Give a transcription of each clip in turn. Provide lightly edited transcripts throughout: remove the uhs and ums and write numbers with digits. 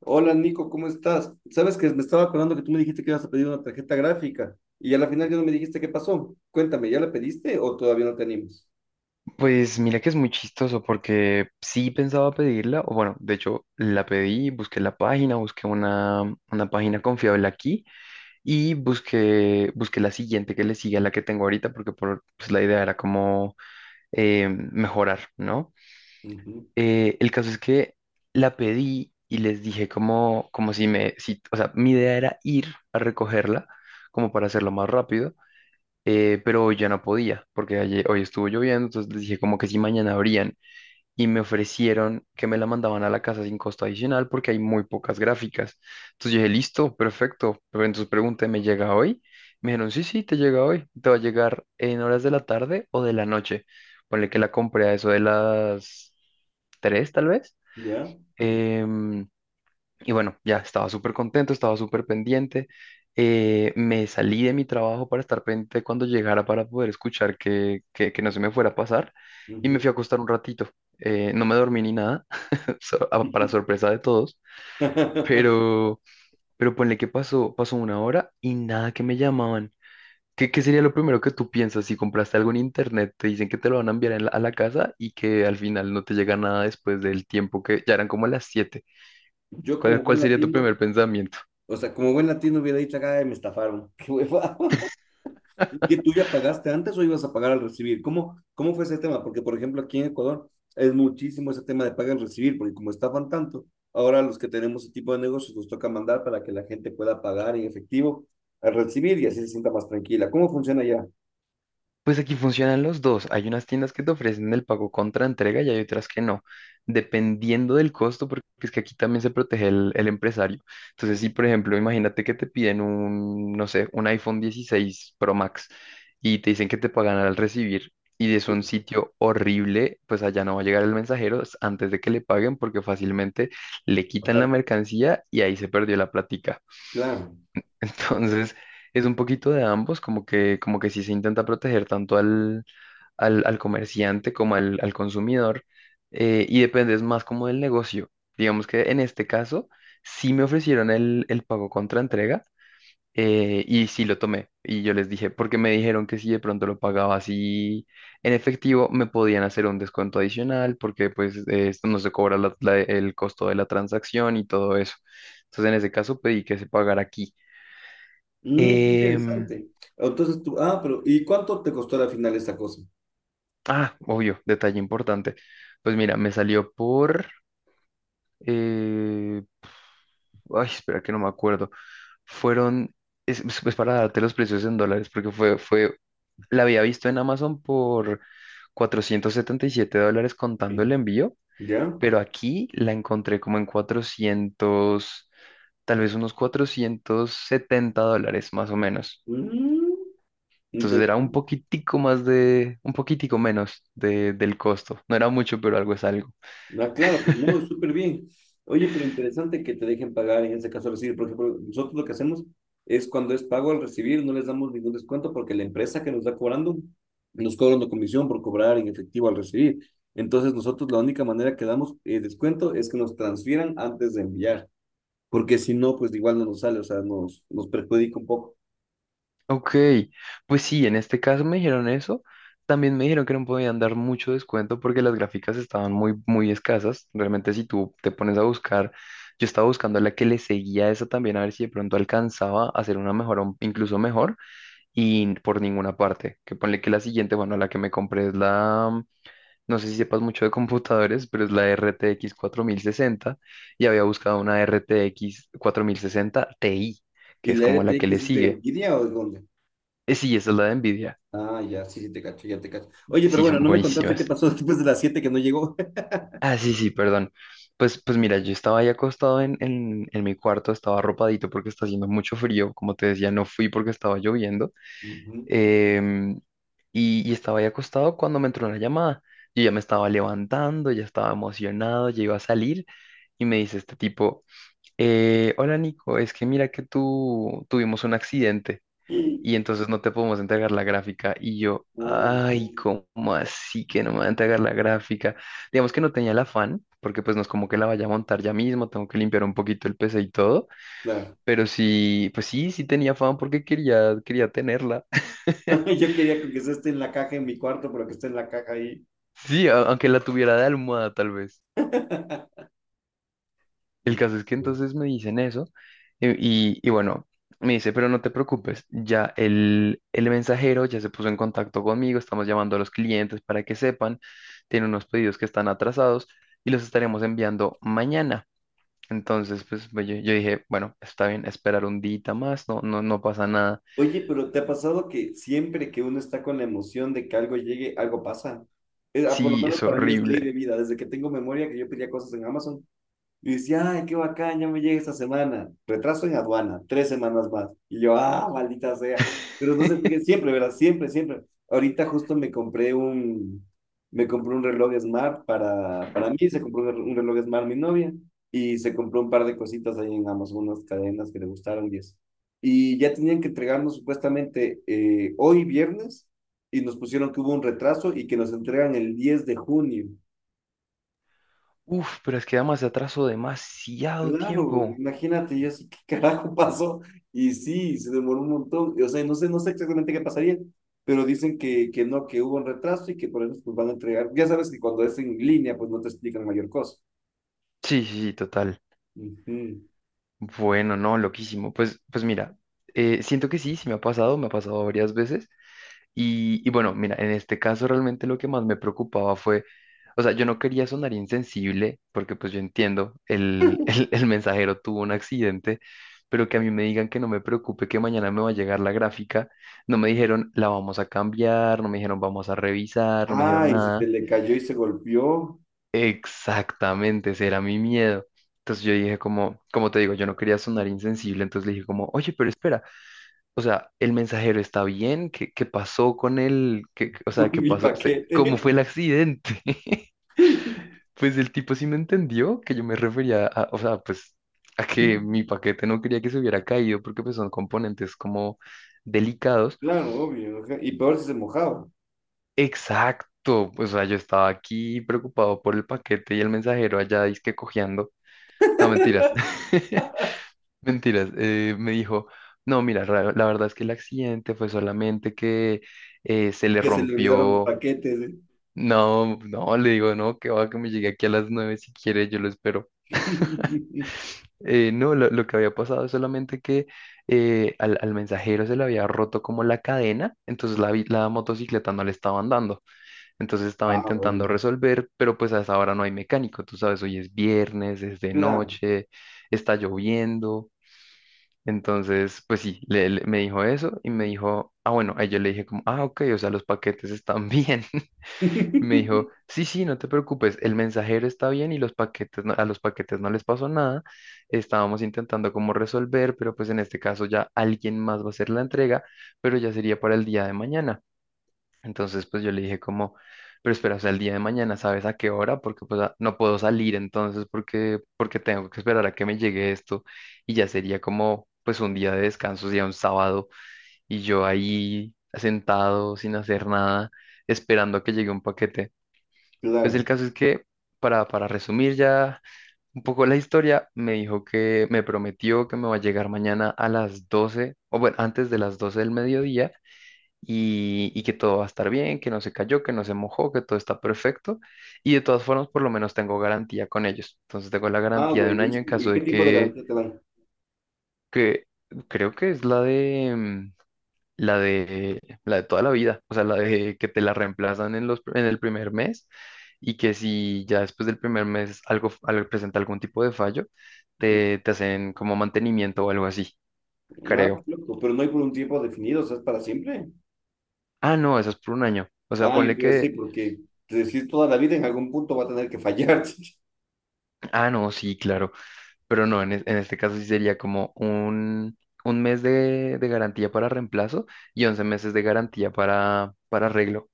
Hola Nico, ¿cómo estás? Sabes que me estaba acordando que tú me dijiste que ibas a pedir una tarjeta gráfica y a la final ya no me dijiste qué pasó. Cuéntame, ¿ya la pediste o todavía no te animas? Pues mira que es muy chistoso porque sí pensaba pedirla, o bueno, de hecho la pedí, busqué la página, busqué una página confiable aquí y busqué la siguiente que le sigue a la que tengo ahorita porque pues la idea era como mejorar, ¿no? Ujú. El caso es que la pedí y les dije como si me, si, o sea, mi idea era ir a recogerla como para hacerlo más rápido, pero hoy ya no podía porque ayer, hoy estuvo lloviendo. Entonces les dije como que si mañana abrían, y me ofrecieron que me la mandaban a la casa sin costo adicional porque hay muy pocas gráficas. Entonces yo dije, listo, perfecto. Pero entonces pregunté, ¿me llega hoy? Me dijeron, sí, sí, te llega hoy. Te va a llegar en horas de la tarde o de la noche. Ponle que la compré a eso de las 3 tal vez. ¿Ya? Mm. Em, y bueno, ya estaba súper contento, estaba súper pendiente. Me salí de mi trabajo para estar pendiente cuando llegara, para poder escuchar que no se me fuera a pasar. Y me Ujú. fui a acostar un ratito. No me dormí ni nada, para sorpresa de todos. Pero, pero ponle que pasó una hora y nada que me llamaban. ¿Qué sería lo primero que tú piensas si compraste algo en internet? Te dicen que te lo van a enviar a la casa y que al final no te llega nada después del tiempo, que ya eran como las 7. Yo ¿Cuál, como cuál buen sería tu latino, primer pensamiento? o sea, como buen latino hubiera dicho, ay, me estafaron. Qué hueva. ¿Y tú ya pagaste antes o ibas a pagar al recibir? ¿Cómo, cómo fue ese tema? Porque, por ejemplo, aquí en Ecuador es muchísimo ese tema de pagar al recibir, porque como estaban tanto, ahora los que tenemos ese tipo de negocios nos toca mandar para que la gente pueda pagar en efectivo al recibir y así se sienta más tranquila. ¿Cómo funciona ya? Pues aquí funcionan los dos. Hay unas tiendas que te ofrecen el pago contra entrega y hay otras que no, dependiendo del costo, porque es que aquí también se protege el empresario. Entonces, si por ejemplo, imagínate que te piden un, no sé, un iPhone 16 Pro Max, y te dicen que te pagan al recibir y es un sitio horrible, pues allá no va a llegar el mensajero antes de que le paguen, porque fácilmente le quitan la Bastante. mercancía y ahí se perdió la plática. Claro. Entonces... Es un poquito de ambos, como que sí se intenta proteger tanto al comerciante como al consumidor, y dependes más como del negocio. Digamos que en este caso sí me ofrecieron el pago contra entrega, y sí lo tomé. Y yo les dije, porque me dijeron que si de pronto lo pagaba así en efectivo, me podían hacer un descuento adicional, porque pues esto no se cobra el costo de la transacción y todo eso. Entonces en ese caso pedí que se pagara aquí. Mm, qué Em, interesante. Entonces tú, ah, pero ¿y cuánto te costó al final esa cosa? ah, obvio, detalle importante. Pues mira, me salió por, Eh, ay, espera que no me acuerdo. Fueron, pues para darte los precios en dólares, porque la había visto en Amazon por $477 contando Sí. el envío, ¿Ya? pero aquí la encontré como en 400, tal vez unos $470 más o menos. Mm. Entonces era un poquitico más de, un poquitico menos de, del costo. No era mucho, pero algo es algo. Ah, claro, pues no, es súper bien. Oye, pero interesante que te dejen pagar en ese caso recibir. Por ejemplo, nosotros lo que hacemos es cuando es pago al recibir, no les damos ningún descuento porque la empresa que nos está cobrando nos cobra una comisión por cobrar en efectivo al recibir. Entonces, nosotros la única manera que damos descuento es que nos transfieran antes de enviar, porque si no, pues igual no nos sale, o sea, nos perjudica un poco. Ok, pues sí, en este caso me dijeron eso. También me dijeron que no podían dar mucho descuento porque las gráficas estaban muy, muy escasas. Realmente si tú te pones a buscar, yo estaba buscando la que le seguía a esa también, a ver si de pronto alcanzaba a hacer una mejor, o incluso mejor, y por ninguna parte. Que ponle que la siguiente, bueno, la que me compré es la, no sé si sepas mucho de computadores, pero es la RTX 60. Y había buscado una RTX 60 Ti, que ¿Y es la como la que le RTX es de sigue. Nvidia o de dónde? Sí, esa es la de Nvidia. Ah, ya, sí, sí, te cacho, ya te cacho. Oye, pero Sí, bueno, son no me contaste qué buenísimas. pasó después de las 7 que no llegó. Ah, sí, sí, perdón. Pues mira, yo estaba ahí acostado en mi cuarto, estaba arropadito porque está haciendo mucho frío. Como te decía, no fui porque estaba lloviendo. Em, y estaba ahí acostado cuando me entró una llamada. Yo ya me estaba levantando, ya estaba emocionado, ya iba a salir. Y me dice este tipo, hola Nico, es que mira que tú tuvimos un accidente. Ujú. Y entonces no te podemos entregar la gráfica. Y yo, Oh, ay, ¿cómo así que no me van a entregar la gráfica? Digamos que no tenía el afán, porque pues no es como que la vaya a montar ya mismo, tengo que limpiar un poquito el PC y todo, claro. pero sí, pues sí, sí tenía afán porque quería tenerla. Yo quería que quizás esté en la caja en mi cuarto, pero que esté en la caja ahí. Sí, aunque la tuviera de almohada tal vez. El Y- caso es que entonces me dicen eso. Y bueno, me dice, pero no te preocupes, ya el mensajero ya se puso en contacto conmigo, estamos llamando a los clientes para que sepan. Tiene unos pedidos que están atrasados y los estaremos enviando mañana. Entonces, yo dije, bueno, está bien, esperar un día más, no, no, no pasa nada. Oye, pero ¿te ha pasado que siempre que uno está con la emoción de que algo llegue, algo pasa? Es por lo Sí, menos es para mí es ley de horrible. vida. Desde que tengo memoria que yo pedía cosas en Amazon. Y dice, ay, qué bacán, ya me llega esta semana. Retraso en aduana, tres semanas más. Y yo, ah, maldita sea. Pero entonces, porque siempre, ¿verdad? Siempre, siempre. Ahorita justo me compré un reloj Smart para mí, se compró un reloj Smart mi novia y se compró un par de cositas ahí en Amazon, unas cadenas que le gustaron y eso. Y ya tenían que entregarnos supuestamente hoy viernes y nos pusieron que hubo un retraso y que nos entregan el 10 de junio. Uf, pero es que además se atrasó demasiado Claro, tiempo. imagínate, yo así, ¿qué carajo pasó? Y sí, se demoró un montón. O sea, no sé, no sé exactamente qué pasaría, pero dicen que no, que hubo un retraso y que por eso pues, van a entregar. Ya sabes que cuando es en línea, pues no te explican mayor cosa. Sí, sí, sí, total. Ujú. Bueno, no, loquísimo. Pues mira, siento que sí, sí me ha pasado varias veces. Y bueno, mira, en este caso realmente lo que más me preocupaba fue, o sea, yo no quería sonar insensible, porque pues yo entiendo, el, el mensajero tuvo un accidente, pero que a mí me digan que no me preocupe, que mañana me va a llegar la gráfica. No me dijeron, la vamos a cambiar, no me dijeron, vamos a revisar, no me dijeron Ay, si se nada. le cayó y se golpeó Exactamente, ese era mi miedo. Entonces yo dije como, como te digo, yo no quería sonar insensible, entonces le dije como, oye, pero espera, o sea, el mensajero está bien, ¿qué pasó con él? O con sea, ¿qué mi pasó? ¿Cómo fue paquete. el accidente? Pues el tipo sí me entendió que yo me refería a, o sea, pues, a que mi paquete no quería que se hubiera caído porque pues son componentes como delicados. Claro, obvio. Ajá. Y peor si se mojaba, Exacto, o sea, yo estaba aquí preocupado por el paquete y el mensajero allá que cojeando. No, mentiras. Mentiras, me dijo, no, mira, la verdad es que el accidente fue solamente que se le que se le olvidaron los rompió. paquetes. No, no, le digo, no, que va, que me llegue aquí a las 9 si quiere, yo lo espero. ¿Eh? No, lo que había pasado es solamente que al mensajero se le había roto como la cadena, entonces la motocicleta no le estaba andando, entonces estaba Ah, intentando bueno. resolver, pero pues a esa hora no hay mecánico, tú sabes, hoy es viernes, es de Claro, noche, está lloviendo. Entonces, pues sí, me dijo eso y me dijo, ah, bueno, ahí yo le dije como, ah, ok, o sea, los paquetes están bien. Me dijo, sí, sí, no te preocupes, el mensajero está bien y los paquetes, a los paquetes no les pasó nada. Estábamos intentando como resolver, pero pues en este caso ya alguien más va a hacer la entrega, pero ya sería para el día de mañana. Entonces, pues yo le dije como, pero espera, hasta el día de mañana, ¿sabes a qué hora? Porque pues no puedo salir entonces porque tengo que esperar a que me llegue esto, y ya sería como pues un día de descanso, sería un sábado y yo ahí sentado sin hacer nada, esperando a que llegue un paquete. Pues el claro. caso es que, para resumir ya un poco la historia, me dijo que me prometió que me va a llegar mañana a las 12, o bueno, antes de las 12 del mediodía, y que todo va a estar bien, que no se cayó, que no se mojó, que todo está perfecto. Y de todas formas, por lo menos tengo garantía con ellos. Entonces tengo la Ah, garantía de un año en buenísimo. ¿Y caso qué de tipo de que, garantía te dan? que creo que es la de toda la vida, o sea, la de que te la reemplazan en el primer mes, y que si ya después del primer mes presenta algún tipo de fallo, Mm. te hacen como mantenimiento o algo así, Ah, creo. loco, pero no hay por un tiempo definido, o sea, es para siempre. Ah, no, eso es por un año. O sea, Ah, yo ponle te iba a que... decir, porque te decís toda la vida, en algún punto va a tener que fallar. Ah, no, sí, claro. Pero no, en este caso sí sería como un mes de garantía para reemplazo, y 11 meses de garantía para arreglo.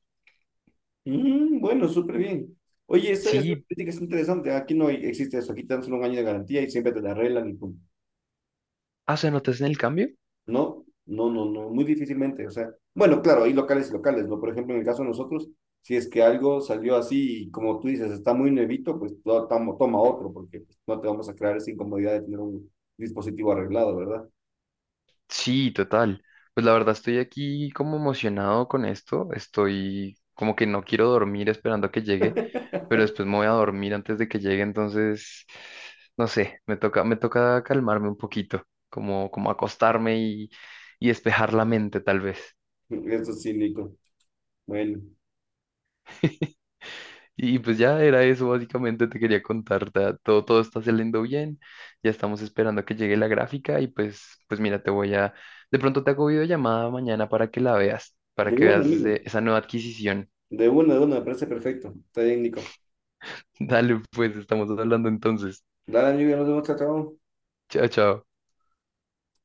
Mm, bueno, súper bien. Oye, esa Sí, política es interesante. Aquí no hay- existe eso. Aquí te dan solo 1 año de garantía y siempre te la arreglan y pum. ah, ¿se notas en el cambio? No, no, no, no, muy difícilmente. O sea, bueno, claro, hay locales y locales, ¿no? Por ejemplo, en el caso de nosotros, si es que algo salió así y como tú dices, está muy nuevito, pues to- toma otro, porque pues, no te vamos a crear esa incomodidad de tener un dispositivo arreglado, ¿verdad? Sí, total. Pues la verdad estoy aquí como emocionado con esto. Estoy como que no quiero dormir esperando a que llegue, pero después me voy a dormir antes de que llegue. Entonces, no sé, me toca calmarme un poquito, como acostarme y despejar la mente tal vez. Eso sí, Nico. Bueno, Y pues ya era eso, básicamente te quería contar, todo está saliendo bien, ya estamos esperando a que llegue la gráfica. Y pues mira, de pronto te hago videollamada mañana para que la veas, para de que uno, veas amigo. Esa nueva adquisición. De uno, me parece perfecto. Está bien, Nico. Dale, pues estamos hablando entonces. Dale, amigo, ya nos vemos, chao, chao. Chao, chao.